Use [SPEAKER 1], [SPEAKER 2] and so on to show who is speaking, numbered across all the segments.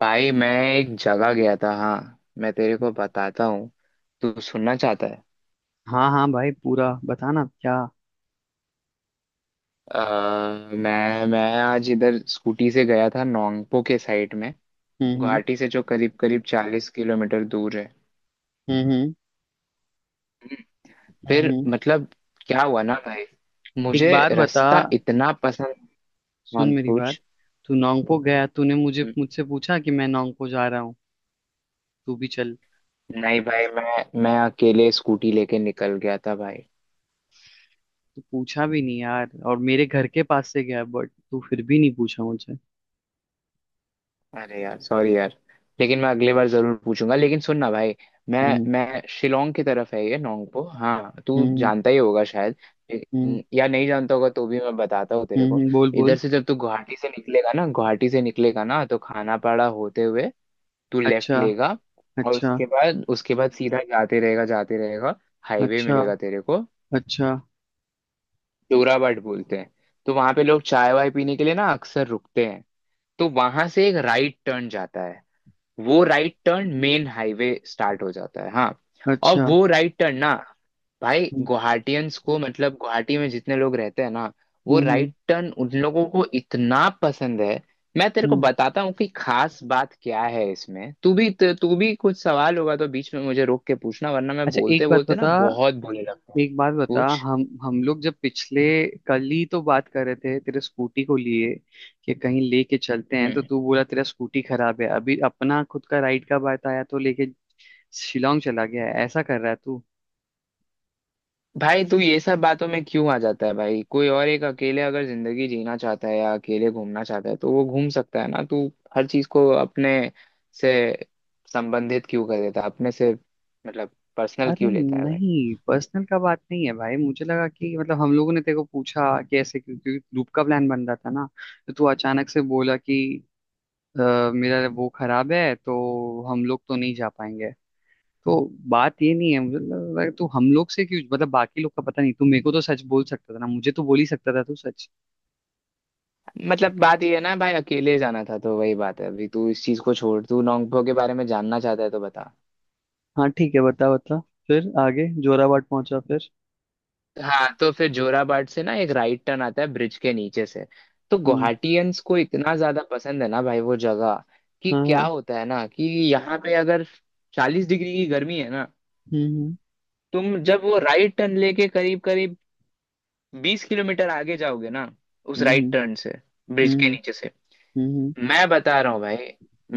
[SPEAKER 1] भाई मैं एक जगह गया था। हाँ, मैं तेरे को बताता हूँ। तू सुनना चाहता है?
[SPEAKER 2] हाँ हाँ, भाई, पूरा बताना क्या।
[SPEAKER 1] अ, मैं आज इधर स्कूटी से गया था नोंगपो के साइड में।
[SPEAKER 2] हम्म। हम्म।
[SPEAKER 1] गुवाहाटी से जो करीब करीब 40 किलोमीटर दूर है।
[SPEAKER 2] हम्म। हम्म। हम्म।
[SPEAKER 1] फिर
[SPEAKER 2] हम्म।
[SPEAKER 1] मतलब क्या हुआ ना भाई,
[SPEAKER 2] एक
[SPEAKER 1] मुझे
[SPEAKER 2] बात बता।
[SPEAKER 1] रास्ता इतना पसंद। हाँ,
[SPEAKER 2] सुन मेरी बात,
[SPEAKER 1] पूछ।
[SPEAKER 2] तू नोंगपो गया, तूने मुझे मुझसे पूछा कि मैं नोंगपो जा रहा हूँ, तू भी चल।
[SPEAKER 1] नहीं भाई, मैं अकेले स्कूटी लेके निकल गया था भाई।
[SPEAKER 2] तू पूछा भी नहीं यार, और मेरे घर के पास से गया, बट तू फिर भी नहीं पूछा मुझे।
[SPEAKER 1] अरे यार, सॉरी यार। लेकिन मैं अगली बार जरूर पूछूंगा। लेकिन सुन ना भाई, मैं
[SPEAKER 2] हम्म।
[SPEAKER 1] मैं शिलोंग की तरफ है ये नोंगपो। हाँ, तू
[SPEAKER 2] हम्म।
[SPEAKER 1] जानता ही होगा शायद।
[SPEAKER 2] हम्म।
[SPEAKER 1] या नहीं जानता होगा तो भी मैं बताता हूँ तेरे
[SPEAKER 2] हम्म।
[SPEAKER 1] को।
[SPEAKER 2] बोल
[SPEAKER 1] इधर
[SPEAKER 2] बोल।
[SPEAKER 1] से जब तू गुवाहाटी से निकलेगा ना, तो खानापाड़ा होते हुए तू लेफ्ट
[SPEAKER 2] अच्छा।
[SPEAKER 1] लेगा। और
[SPEAKER 2] अच्छा।
[SPEAKER 1] उसके बाद सीधा जाते रहेगा, जाते रहेगा। हाईवे
[SPEAKER 2] अच्छा।
[SPEAKER 1] मिलेगा तेरे को।
[SPEAKER 2] अच्छा।
[SPEAKER 1] जोराबाट बोलते हैं। तो वहां पे लोग चाय वाय पीने के लिए ना अक्सर रुकते हैं। तो वहां से एक राइट टर्न जाता है। वो right turn main highway start हो जाता है। हाँ, और
[SPEAKER 2] अच्छा।
[SPEAKER 1] वो राइट टर्न ना भाई
[SPEAKER 2] हम्म।
[SPEAKER 1] गुवाहाटियंस को, मतलब गुवाहाटी में जितने लोग रहते हैं ना, वो
[SPEAKER 2] हम्म। हम्म।
[SPEAKER 1] राइट टर्न उन लोगों को इतना पसंद है। मैं तेरे को
[SPEAKER 2] हम्म।
[SPEAKER 1] बताता हूँ कि खास बात क्या है इसमें। तू भी कुछ सवाल होगा तो बीच में मुझे रोक के पूछना, वरना मैं
[SPEAKER 2] अच्छा,
[SPEAKER 1] बोलते
[SPEAKER 2] एक बात
[SPEAKER 1] बोलते ना
[SPEAKER 2] बता।
[SPEAKER 1] बहुत बोलने लगता हूँ।
[SPEAKER 2] एक बात बता,
[SPEAKER 1] पूछ।
[SPEAKER 2] हम लोग जब पिछले कल ही तो बात कर रहे थे तेरे स्कूटी को लिए कि कहीं लेके चलते हैं, तो
[SPEAKER 1] हम्म।
[SPEAKER 2] तू बोला तेरा स्कूटी खराब है अभी। अपना खुद का राइड का बात आया तो लेके शिलोंग चला गया है, ऐसा कर रहा है तू।
[SPEAKER 1] भाई तू ये सब बातों में क्यों आ जाता है भाई? कोई और एक अकेले अगर जिंदगी जीना चाहता है या अकेले घूमना चाहता है तो वो घूम सकता है ना। तू हर चीज को अपने से संबंधित क्यों कर देता है अपने से, मतलब पर्सनल
[SPEAKER 2] अरे
[SPEAKER 1] क्यों लेता है भाई?
[SPEAKER 2] नहीं, पर्सनल का बात नहीं है भाई। मुझे लगा कि मतलब हम लोगों ने तेरे को पूछा कि क्योंकि ग्रुप का प्लान बन रहा था ना, तो तू अचानक से बोला कि "अ, मेरा वो खराब है तो हम लोग तो नहीं जा पाएंगे।" तो बात ये नहीं है, मुझे लग रहा है तो हम लोग से क्यों? मतलब बाकी लोग का पता नहीं, तू मेरे को तो सच बोल सकता था ना, मुझे तो बोल ही सकता था तू सच।
[SPEAKER 1] मतलब बात ये है ना भाई, अकेले जाना था तो वही बात है। अभी तू इस चीज को छोड़। तू नोंगपो के बारे में जानना चाहता है तो बता।
[SPEAKER 2] हाँ ठीक है, बता बता। फिर आगे जोराबाट पहुंचा, फिर?
[SPEAKER 1] हाँ, तो फिर जोराबाट से ना एक राइट टर्न आता है ब्रिज के नीचे से। तो
[SPEAKER 2] हम्म।
[SPEAKER 1] गुवाहाटियंस को इतना ज्यादा पसंद है ना भाई वो जगह। कि
[SPEAKER 2] हाँ
[SPEAKER 1] क्या
[SPEAKER 2] हाँ।
[SPEAKER 1] होता है ना कि यहाँ पे अगर 40 डिग्री की गर्मी है ना,
[SPEAKER 2] हम्म।
[SPEAKER 1] तुम जब वो राइट टर्न लेके करीब करीब 20 किलोमीटर आगे जाओगे ना, उस
[SPEAKER 2] हम्म।
[SPEAKER 1] राइट टर्न से, ब्रिज
[SPEAKER 2] हम्म।
[SPEAKER 1] के
[SPEAKER 2] हम्म।
[SPEAKER 1] नीचे से,
[SPEAKER 2] हम्म। हम्म। हम्म, हम्म।
[SPEAKER 1] मैं बता रहा हूँ भाई,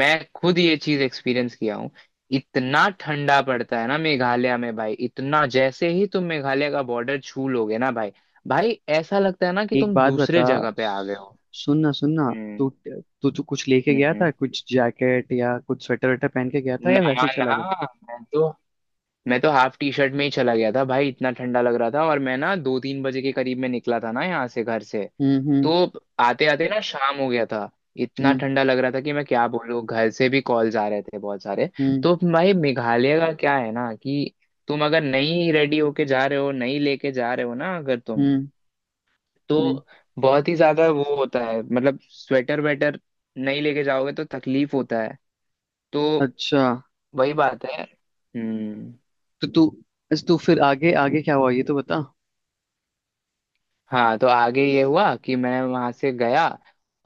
[SPEAKER 1] मैं खुद ये चीज एक्सपीरियंस किया हूँ। इतना ठंडा पड़ता है ना मेघालय में भाई। इतना जैसे ही तुम मेघालय का बॉर्डर छू लोगे ना भाई, भाई ऐसा लगता है ना कि
[SPEAKER 2] एक
[SPEAKER 1] तुम
[SPEAKER 2] बात बता।
[SPEAKER 1] दूसरे जगह पे आ गए
[SPEAKER 2] सु-
[SPEAKER 1] हो।
[SPEAKER 2] सुन ना, सुन ना। तू
[SPEAKER 1] हम्म,
[SPEAKER 2] तू तू कुछ लेके गया
[SPEAKER 1] हम्म।
[SPEAKER 2] था? कुछ जैकेट या कुछ स्वेटर वेटर पहन के गया था, या
[SPEAKER 1] ना,
[SPEAKER 2] वैसे ही चला
[SPEAKER 1] ना।
[SPEAKER 2] गया?
[SPEAKER 1] मैं तो मैं तो हाफ टी शर्ट में ही चला गया था भाई। इतना ठंडा लग रहा था। और मैं ना दो तीन बजे के करीब में निकला था ना, यहाँ से, घर से।
[SPEAKER 2] हम्म।
[SPEAKER 1] तो
[SPEAKER 2] हम्म।
[SPEAKER 1] आते आते ना शाम हो गया था। इतना
[SPEAKER 2] हम्म।
[SPEAKER 1] ठंडा लग रहा था कि मैं क्या बोलूँ, घर से भी कॉल्स आ रहे थे बहुत सारे।
[SPEAKER 2] हम्म।
[SPEAKER 1] तो भाई मेघालय का क्या है ना कि तुम अगर नहीं रेडी होके जा रहे हो, नहीं लेके जा रहे हो ना, अगर तुम,
[SPEAKER 2] हम्म। हम्म।
[SPEAKER 1] तो बहुत ही ज्यादा वो होता है। मतलब स्वेटर वेटर नहीं लेके जाओगे तो तकलीफ होता है। तो
[SPEAKER 2] अच्छा
[SPEAKER 1] वही बात है। हम्म।
[SPEAKER 2] तो तू अच्छा, तू फिर, आगे आगे क्या हुआ ये तो बता।
[SPEAKER 1] हाँ, तो आगे ये हुआ कि मैं वहां से गया।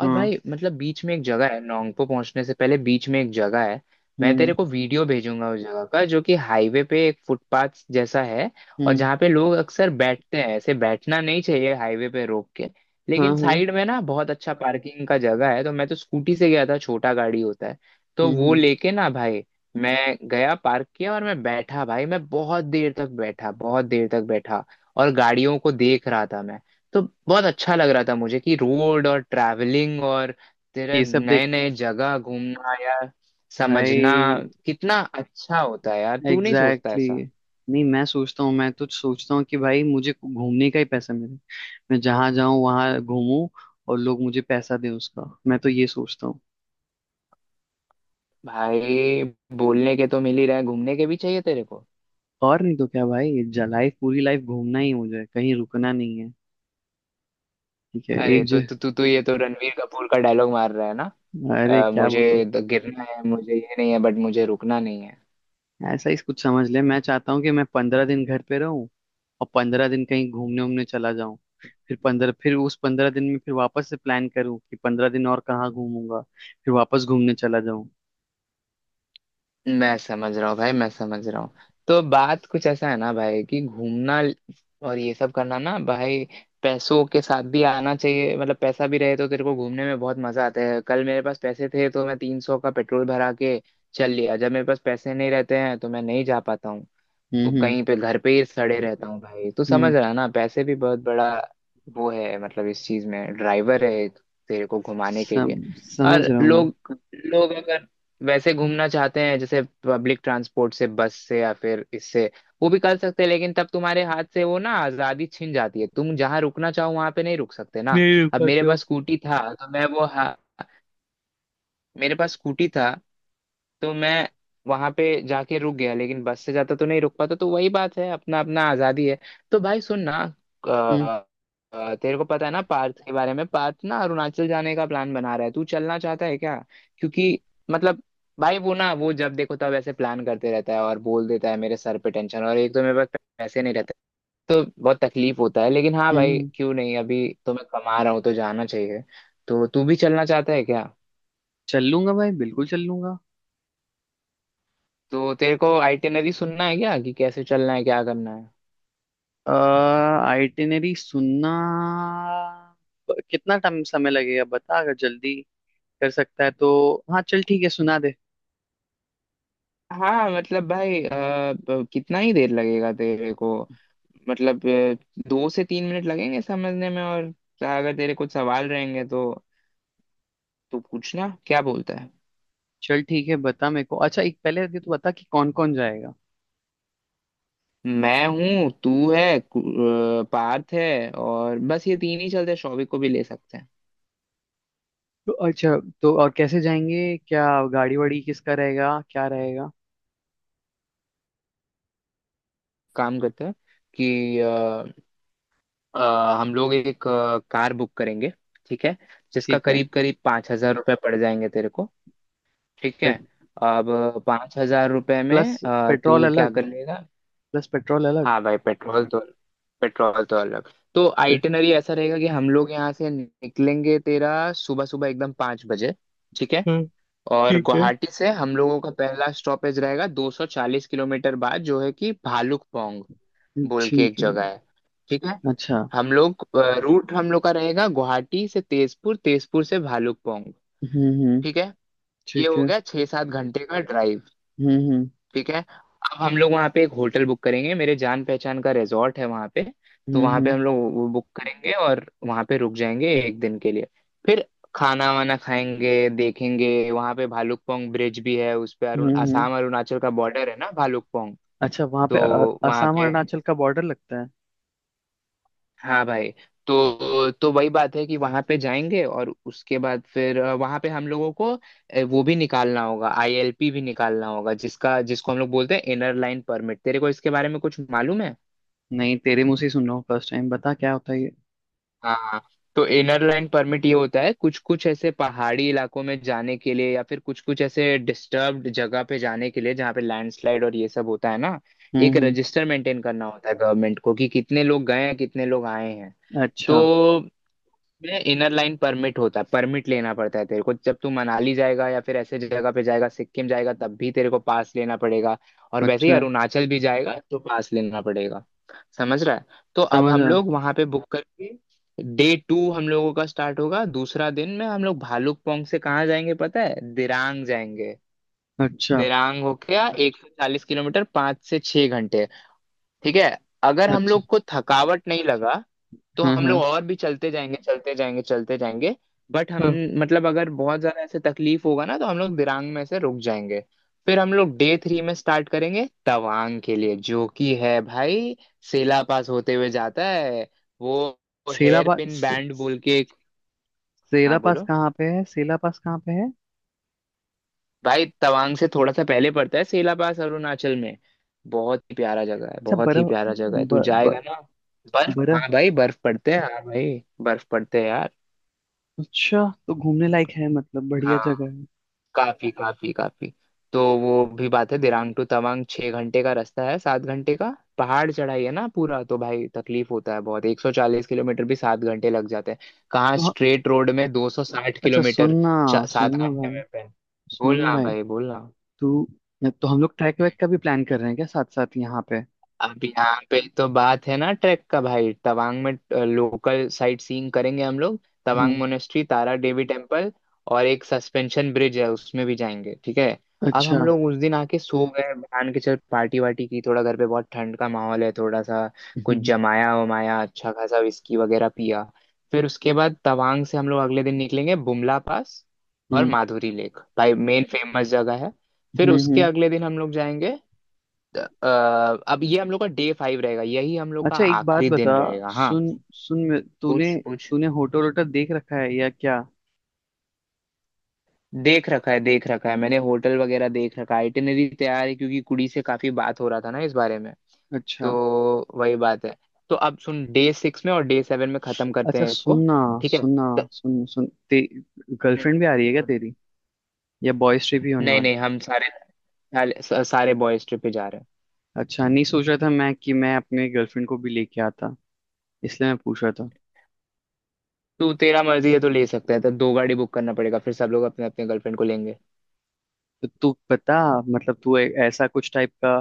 [SPEAKER 1] और
[SPEAKER 2] हाँ।
[SPEAKER 1] भाई मतलब बीच में एक जगह है, नोंगपो पहुंचने से पहले बीच में एक जगह है। मैं
[SPEAKER 2] हम्म।
[SPEAKER 1] तेरे को वीडियो भेजूंगा उस जगह का, जो कि हाईवे पे एक फुटपाथ जैसा है। और
[SPEAKER 2] हम्म।
[SPEAKER 1] जहाँ पे लोग अक्सर बैठते हैं। ऐसे बैठना नहीं चाहिए हाईवे पे रोक के,
[SPEAKER 2] हाँ
[SPEAKER 1] लेकिन
[SPEAKER 2] हाँ।
[SPEAKER 1] साइड में ना बहुत अच्छा पार्किंग का जगह है। तो मैं तो स्कूटी से गया था, छोटा गाड़ी होता है। तो
[SPEAKER 2] हम्म।
[SPEAKER 1] वो
[SPEAKER 2] हम्म।
[SPEAKER 1] लेके ना भाई मैं गया, पार्क किया और मैं बैठा भाई, मैं बहुत देर तक बैठा, बहुत देर तक बैठा। और गाड़ियों को देख रहा था मैं। तो बहुत अच्छा लग रहा था मुझे कि रोड और ट्रैवलिंग और तेरे
[SPEAKER 2] ये सब देख
[SPEAKER 1] नए नए जगह घूमना या समझना
[SPEAKER 2] भाई।
[SPEAKER 1] कितना अच्छा होता है यार। तू नहीं सोचता
[SPEAKER 2] एग्जैक्टली
[SPEAKER 1] ऐसा?
[SPEAKER 2] exactly। नहीं मैं सोचता हूँ, मैं तो सोचता हूँ कि भाई मुझे घूमने का ही पैसा मिले, मैं जहां जाऊं वहां घूमूं, और लोग मुझे पैसा दें। उसका मैं तो ये सोचता हूँ।
[SPEAKER 1] भाई, बोलने के तो मिल ही रहा है, घूमने के भी चाहिए तेरे को।
[SPEAKER 2] और नहीं तो क्या भाई, लाइफ पूरी लाइफ घूमना ही है, मुझे कहीं रुकना नहीं है, ठीक है
[SPEAKER 1] अरे
[SPEAKER 2] एक
[SPEAKER 1] तो
[SPEAKER 2] जगह।
[SPEAKER 1] तू तू तू ये तो रणवीर कपूर का डायलॉग मार रहा है ना।
[SPEAKER 2] अरे क्या बोलो।
[SPEAKER 1] गिरना है, मुझे ये नहीं है। बट मुझे रुकना नहीं है।
[SPEAKER 2] ऐसा ही कुछ समझ ले, मैं चाहता हूँ कि मैं 15 दिन घर पे रहूं और 15 दिन कहीं घूमने उमने चला जाऊं। फिर उस 15 दिन में फिर वापस से प्लान करूं कि 15 दिन और कहाँ घूमूंगा, फिर वापस घूमने चला जाऊं।
[SPEAKER 1] मैं समझ रहा हूँ भाई, मैं समझ रहा हूँ। तो बात कुछ ऐसा है ना भाई कि घूमना और ये सब करना ना भाई, पैसों के साथ भी आना चाहिए। मतलब पैसा भी रहे तो तेरे को घूमने में बहुत मजा आता है। कल मेरे पास पैसे थे तो मैं 300 का पेट्रोल भरा के चल लिया। जब मेरे पास पैसे नहीं रहते हैं तो मैं नहीं जा पाता हूँ। तो
[SPEAKER 2] हम्म। हम्म।
[SPEAKER 1] कहीं पे घर पे ही सड़े रहता हूँ भाई। तू
[SPEAKER 2] हम्म।
[SPEAKER 1] समझ रहा है ना, पैसे भी बहुत बड़ा वो है। मतलब इस चीज में ड्राइवर है एक, तेरे को घुमाने के लिए। और
[SPEAKER 2] समझ रहा हूँ मैं।
[SPEAKER 1] लोग, लोग अगर वैसे घूमना चाहते हैं जैसे पब्लिक ट्रांसपोर्ट से, बस से या फिर इससे, वो भी कर सकते हैं। लेकिन तब तुम्हारे हाथ से वो ना आजादी छिन जाती है। तुम जहाँ रुकना चाहो वहां पे नहीं रुक सकते ना।
[SPEAKER 2] नहीं रुक
[SPEAKER 1] अब मेरे
[SPEAKER 2] पाते हो।
[SPEAKER 1] पास स्कूटी था तो मैं वो, मेरे पास स्कूटी था तो मैं वहां पे जाके रुक गया। लेकिन बस से जाता तो नहीं रुक पाता। तो वही बात है, अपना अपना आजादी है। तो भाई सुन ना।
[SPEAKER 2] हम्म।
[SPEAKER 1] अ, तेरे को पता है ना पार्थ के बारे में? पार्थ ना अरुणाचल जाने का प्लान बना रहा है। तू चलना चाहता है क्या? क्योंकि मतलब, भाई वो ना वो जब देखो तब ऐसे प्लान करते रहता है और बोल देता है, मेरे सर पे टेंशन। और एक तो मेरे पास पैसे नहीं रहते तो बहुत तकलीफ होता है। लेकिन हाँ भाई,
[SPEAKER 2] हम्म।
[SPEAKER 1] क्यों नहीं, अभी तो मैं कमा रहा हूँ तो जाना चाहिए। तो तू भी चलना चाहता है क्या?
[SPEAKER 2] चल लूंगा भाई, बिल्कुल चल लूंगा।
[SPEAKER 1] तो तेरे को आइटिनरी सुनना है क्या, कि कैसे चलना है, क्या करना है?
[SPEAKER 2] आइटिनरी सुनना। कितना टाइम समय लगेगा बता। अगर जल्दी कर सकता है तो हाँ, चल ठीक है, सुना दे।
[SPEAKER 1] हाँ, मतलब भाई कितना ही देर लगेगा तेरे को? मतलब 2 से 3 मिनट लगेंगे समझने में। और अगर तेरे कुछ सवाल रहेंगे तो तू पूछना। क्या बोलता है?
[SPEAKER 2] चल ठीक है, बता मेरे को। अच्छा, एक पहले ये तो बता कि कौन कौन जाएगा?
[SPEAKER 1] मैं हूँ, तू है, पार्थ है और बस ये तीन ही चलते हैं। शौविक को भी ले सकते हैं।
[SPEAKER 2] तो अच्छा, तो और कैसे जाएंगे क्या? गाड़ी वाड़ी किसका रहेगा, क्या रहेगा?
[SPEAKER 1] काम करते हैं कि हम लोग एक कार बुक करेंगे। ठीक है? जिसका
[SPEAKER 2] ठीक है।
[SPEAKER 1] करीब करीब 5,000 रुपये पड़ जाएंगे तेरे को। ठीक है।
[SPEAKER 2] पे,
[SPEAKER 1] अब 5,000 रुपये
[SPEAKER 2] प्लस
[SPEAKER 1] में
[SPEAKER 2] पेट्रोल
[SPEAKER 1] तू क्या
[SPEAKER 2] अलग।
[SPEAKER 1] कर लेगा?
[SPEAKER 2] प्लस पेट्रोल अलग
[SPEAKER 1] हाँ भाई, पेट्रोल तो, पेट्रोल तो अलग। तो आइटिनरी ऐसा रहेगा कि हम लोग यहाँ से निकलेंगे, तेरा सुबह सुबह एकदम 5 बजे। ठीक है?
[SPEAKER 2] हम्म।
[SPEAKER 1] और
[SPEAKER 2] ठीक है।
[SPEAKER 1] गुवाहाटी से हम लोगों का पहला स्टॉपेज रहेगा 240 किलोमीटर बाद, जो है कि भालुकपोंग बोल के एक
[SPEAKER 2] ठीक है।
[SPEAKER 1] जगह है। ठीक है?
[SPEAKER 2] अच्छा।
[SPEAKER 1] हम लोग, रूट हम लोग का रहेगा गुवाहाटी से तेजपुर, तेजपुर से भालुकपोंग।
[SPEAKER 2] हम्म। हम्म।
[SPEAKER 1] ठीक है? ये
[SPEAKER 2] ठीक
[SPEAKER 1] हो
[SPEAKER 2] है।
[SPEAKER 1] गया 6-7 घंटे का ड्राइव।
[SPEAKER 2] हम्म। हम्म।
[SPEAKER 1] ठीक है? अब हम लोग वहाँ पे एक होटल बुक करेंगे। मेरे जान पहचान का रिजॉर्ट है वहाँ पे। तो
[SPEAKER 2] हम्म।
[SPEAKER 1] वहाँ पे
[SPEAKER 2] हम्म।
[SPEAKER 1] हम लोग वो बुक करेंगे और वहाँ पे रुक जाएंगे एक दिन के लिए। फिर खाना वाना खाएंगे, देखेंगे। वहाँ पे भालुकपोंग ब्रिज भी है, उस पे
[SPEAKER 2] हम्म।
[SPEAKER 1] अरुण
[SPEAKER 2] हम्म।
[SPEAKER 1] आसाम अरुणाचल का बॉर्डर है ना, भालुकपोंग।
[SPEAKER 2] अच्छा, वहां पे
[SPEAKER 1] तो वहाँ
[SPEAKER 2] असम और
[SPEAKER 1] पे,
[SPEAKER 2] अरुणाचल का बॉर्डर लगता है?
[SPEAKER 1] हाँ भाई, तो वही बात है कि वहां पे जाएंगे। और उसके बाद फिर वहां पे हम लोगों को वो भी निकालना होगा, ILP भी निकालना होगा, जिसका जिसको हम लोग बोलते हैं इनर लाइन परमिट। तेरे को इसके बारे में कुछ मालूम है?
[SPEAKER 2] नहीं, तेरे मुंह से ही सुन रहा हूँ फर्स्ट टाइम, बता क्या होता है ये।
[SPEAKER 1] हाँ, तो इनर लाइन परमिट ये होता है कुछ कुछ ऐसे पहाड़ी इलाकों में जाने के लिए, या फिर कुछ कुछ ऐसे डिस्टर्ब्ड जगह पे जाने के लिए, जहाँ पे लैंडस्लाइड और ये सब होता है ना।
[SPEAKER 2] हम्म।
[SPEAKER 1] एक
[SPEAKER 2] हम्म।
[SPEAKER 1] रजिस्टर मेंटेन करना होता है गवर्नमेंट को कि कितने लोग गए हैं, कितने लोग आए हैं।
[SPEAKER 2] अच्छा।
[SPEAKER 1] तो में इनर लाइन परमिट होता है, परमिट लेना पड़ता है तेरे को। जब तू मनाली जाएगा या फिर ऐसे जगह पे जाएगा, सिक्किम जाएगा तब भी तेरे को पास लेना पड़ेगा। और वैसे ही
[SPEAKER 2] अच्छा।
[SPEAKER 1] अरुणाचल भी जाएगा तो पास लेना पड़ेगा। समझ रहा है? तो अब हम
[SPEAKER 2] समझा।
[SPEAKER 1] लोग वहां पे बुक करके, डे टू हम लोगों का स्टार्ट होगा। दूसरा दिन में हम लोग भालुकपोंग से कहाँ जाएंगे पता है? दिरांग जाएंगे।
[SPEAKER 2] अच्छा।
[SPEAKER 1] दिरांग हो गया 140 किलोमीटर, 5 से 6 घंटे। ठीक है? अगर हम
[SPEAKER 2] अच्छा।
[SPEAKER 1] लोग को थकावट नहीं लगा तो
[SPEAKER 2] हाँ
[SPEAKER 1] हम लोग
[SPEAKER 2] हाँ।
[SPEAKER 1] और भी चलते जाएंगे, चलते जाएंगे, चलते जाएंगे। बट हम,
[SPEAKER 2] हाँ,
[SPEAKER 1] मतलब अगर बहुत ज्यादा ऐसे तकलीफ होगा ना तो हम लोग दिरांग में से रुक जाएंगे। फिर हम लोग डे थ्री में स्टार्ट करेंगे तवांग के लिए, जो कि है भाई सेला पास होते हुए जाता है। वो
[SPEAKER 2] Sela
[SPEAKER 1] hair
[SPEAKER 2] pass?
[SPEAKER 1] Pin bend बोल के एक। हाँ,
[SPEAKER 2] सेला पास
[SPEAKER 1] बोलो।
[SPEAKER 2] कहाँ पे है? सेला पास कहाँ पे है?
[SPEAKER 1] भाई, तवांग से थोड़ा सा पहले पड़ता है सेला पास, अरुणाचल में। बहुत ही प्यारा जगह है,
[SPEAKER 2] अच्छा,
[SPEAKER 1] बहुत ही
[SPEAKER 2] बरह
[SPEAKER 1] प्यारा जगह है। तू
[SPEAKER 2] ब, ब,
[SPEAKER 1] जाएगा ना। बर्फ,
[SPEAKER 2] बरह।
[SPEAKER 1] हाँ भाई, बर्फ पड़ते हैं। हाँ भाई, बर्फ पड़ते हैं यार।
[SPEAKER 2] अच्छा तो घूमने लायक है, मतलब बढ़िया
[SPEAKER 1] हाँ,
[SPEAKER 2] जगह है?
[SPEAKER 1] काफी काफी काफी। तो वो भी बात है, दिरांग टू तवांग 6 घंटे का रास्ता है, 7 घंटे का। पहाड़ चढ़ाई है ना पूरा, तो भाई तकलीफ होता है बहुत। 140 किलोमीटर भी 7 घंटे लग जाते हैं। कहाँ
[SPEAKER 2] तो हाँ।
[SPEAKER 1] स्ट्रेट रोड में 260
[SPEAKER 2] अच्छा
[SPEAKER 1] किलोमीटर।
[SPEAKER 2] सुनना।
[SPEAKER 1] सात
[SPEAKER 2] सुनना
[SPEAKER 1] घंटे
[SPEAKER 2] भाई,
[SPEAKER 1] में पे।
[SPEAKER 2] सुनना
[SPEAKER 1] बोलना
[SPEAKER 2] भाई।
[SPEAKER 1] भाई, बोलना।
[SPEAKER 2] तू, तो हम लोग ट्रैक वैक का भी प्लान कर रहे हैं क्या साथ साथ यहाँ पे?
[SPEAKER 1] अब यहाँ पे तो बात है ना ट्रैक का। भाई तवांग में लोकल साइट सीइंग करेंगे हम लोग। तवांग
[SPEAKER 2] हम्म।
[SPEAKER 1] मोनेस्ट्री, तारा देवी टेम्पल, और एक सस्पेंशन ब्रिज है, उसमें भी जाएंगे। ठीक है? अब हम
[SPEAKER 2] अच्छा।
[SPEAKER 1] लोग उस दिन आके सो गए मान के चल। पार्टी वार्टी की, थोड़ा घर पे बहुत ठंड का माहौल है, थोड़ा सा कुछ
[SPEAKER 2] हम्म।
[SPEAKER 1] जमाया वमाया, अच्छा खासा विस्की वगैरह पिया। फिर उसके बाद तवांग से हम लोग अगले दिन निकलेंगे बुमला पास और
[SPEAKER 2] हम्म।
[SPEAKER 1] माधुरी लेक, भाई मेन फेमस जगह है। फिर
[SPEAKER 2] हम्म।
[SPEAKER 1] उसके
[SPEAKER 2] हम्म।
[SPEAKER 1] अगले दिन हम लोग जाएंगे। अ, अब ये हम लोग का डे फाइव रहेगा, यही हम लोग का
[SPEAKER 2] अच्छा, एक बात
[SPEAKER 1] आखिरी
[SPEAKER 2] बता।
[SPEAKER 1] दिन रहेगा। हाँ,
[SPEAKER 2] सुन सुन, तूने
[SPEAKER 1] पूछ पूछ।
[SPEAKER 2] तूने होटल वोटल देख रखा है या क्या?
[SPEAKER 1] देख रखा है, देख रखा है। मैंने होटल वगैरह देख रखा है, आइटिनरी तैयार है, क्योंकि कुड़ी से काफी बात हो रहा था ना इस बारे में। तो
[SPEAKER 2] अच्छा।
[SPEAKER 1] वही बात है। तो अब सुन, डे सिक्स में और डे सेवन में खत्म करते
[SPEAKER 2] अच्छा
[SPEAKER 1] हैं इसको।
[SPEAKER 2] सुनना।
[SPEAKER 1] ठीक है
[SPEAKER 2] सुनना, सुन सुन ते गर्लफ्रेंड भी आ रही है क्या
[SPEAKER 1] हम्म।
[SPEAKER 2] तेरी? या बॉयज ट्रिप ही होने
[SPEAKER 1] नहीं
[SPEAKER 2] वाला?
[SPEAKER 1] नहीं, हम सारे, सारे सारे बॉयज ट्रिप पे जा रहे हैं।
[SPEAKER 2] अच्छा नहीं, सोच रहा था मैं कि मैं अपने गर्लफ्रेंड को भी लेके आता, इसलिए मैं पूछ रहा था।
[SPEAKER 1] तू, तेरा मर्जी है तो ले सकता है। तो दो गाड़ी बुक करना पड़ेगा फिर, सब लोग अपने अपने गर्लफ्रेंड को लेंगे।
[SPEAKER 2] तो तू, पता, मतलब तू ऐसा कुछ टाइप का,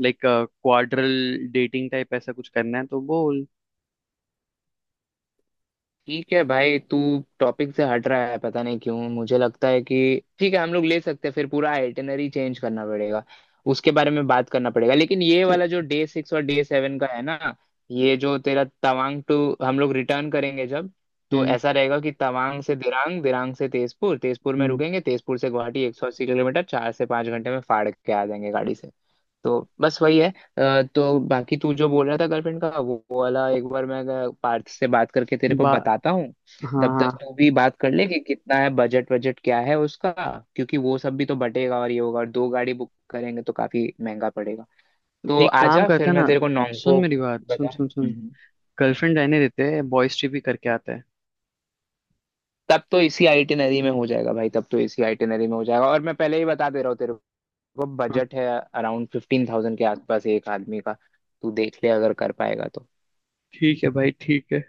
[SPEAKER 2] लाइक क्वाड्रल डेटिंग टाइप, ऐसा कुछ करना है तो बोल।
[SPEAKER 1] ठीक है भाई, तू टॉपिक से हट रहा है पता नहीं क्यों। मुझे लगता है कि ठीक है, हम लोग ले सकते हैं फिर, पूरा आइटिनरी चेंज करना पड़ेगा, उसके बारे में बात करना पड़ेगा। लेकिन ये
[SPEAKER 2] च-
[SPEAKER 1] वाला जो डे सिक्स और डे सेवन का है ना, ये जो तेरा तवांग टू हम लोग रिटर्न करेंगे जब, तो
[SPEAKER 2] हम्म।
[SPEAKER 1] ऐसा रहेगा कि तवांग से दिरांग, दिरांग से तेजपुर, तेजपुर में
[SPEAKER 2] हम्म।
[SPEAKER 1] रुकेंगे, तेजपुर से गुवाहाटी 180 किलोमीटर, 4 से 5 घंटे में फाड़ के आ जाएंगे गाड़ी से। तो बस वही है। तो बाकी तू जो बोल रहा था गर्लफ्रेंड का, वो वाला एक बार मैं पार्थ से बात करके तेरे को
[SPEAKER 2] बा
[SPEAKER 1] बताता हूँ।
[SPEAKER 2] हाँ
[SPEAKER 1] तब तक
[SPEAKER 2] हाँ।
[SPEAKER 1] तू भी बात कर ले कि कितना है बजट, बजट क्या है उसका। क्योंकि वो सब भी तो बटेगा, और ये होगा, और दो गाड़ी बुक करेंगे तो काफी महंगा पड़ेगा।
[SPEAKER 2] तो
[SPEAKER 1] तो
[SPEAKER 2] एक काम
[SPEAKER 1] आजा
[SPEAKER 2] करते
[SPEAKER 1] फिर
[SPEAKER 2] हैं
[SPEAKER 1] मैं
[SPEAKER 2] ना।
[SPEAKER 1] तेरे को
[SPEAKER 2] सुन
[SPEAKER 1] नॉन्गपो
[SPEAKER 2] मेरी बात, सुन
[SPEAKER 1] बता।
[SPEAKER 2] सुन सुन।
[SPEAKER 1] हम्म।
[SPEAKER 2] गर्लफ्रेंड रहने देते हैं, बॉयज ट्रिप ही करके आता है।
[SPEAKER 1] तब तो इसी आइटिनरी में हो जाएगा भाई, तब तो इसी आइटिनरी में हो जाएगा। और मैं पहले ही बता दे रहा हूँ तेरे को,
[SPEAKER 2] हाँ
[SPEAKER 1] बजट है अराउंड 15,000 के आसपास, एक आदमी का। तू देख ले अगर कर पाएगा तो।
[SPEAKER 2] ठीक है भाई, ठीक है।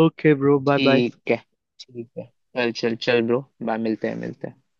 [SPEAKER 2] Okay bro, bye bye.
[SPEAKER 1] ठीक है। ठीक है। चल चल चल ब्रो। बाय, मिलते हैं, मिलते हैं।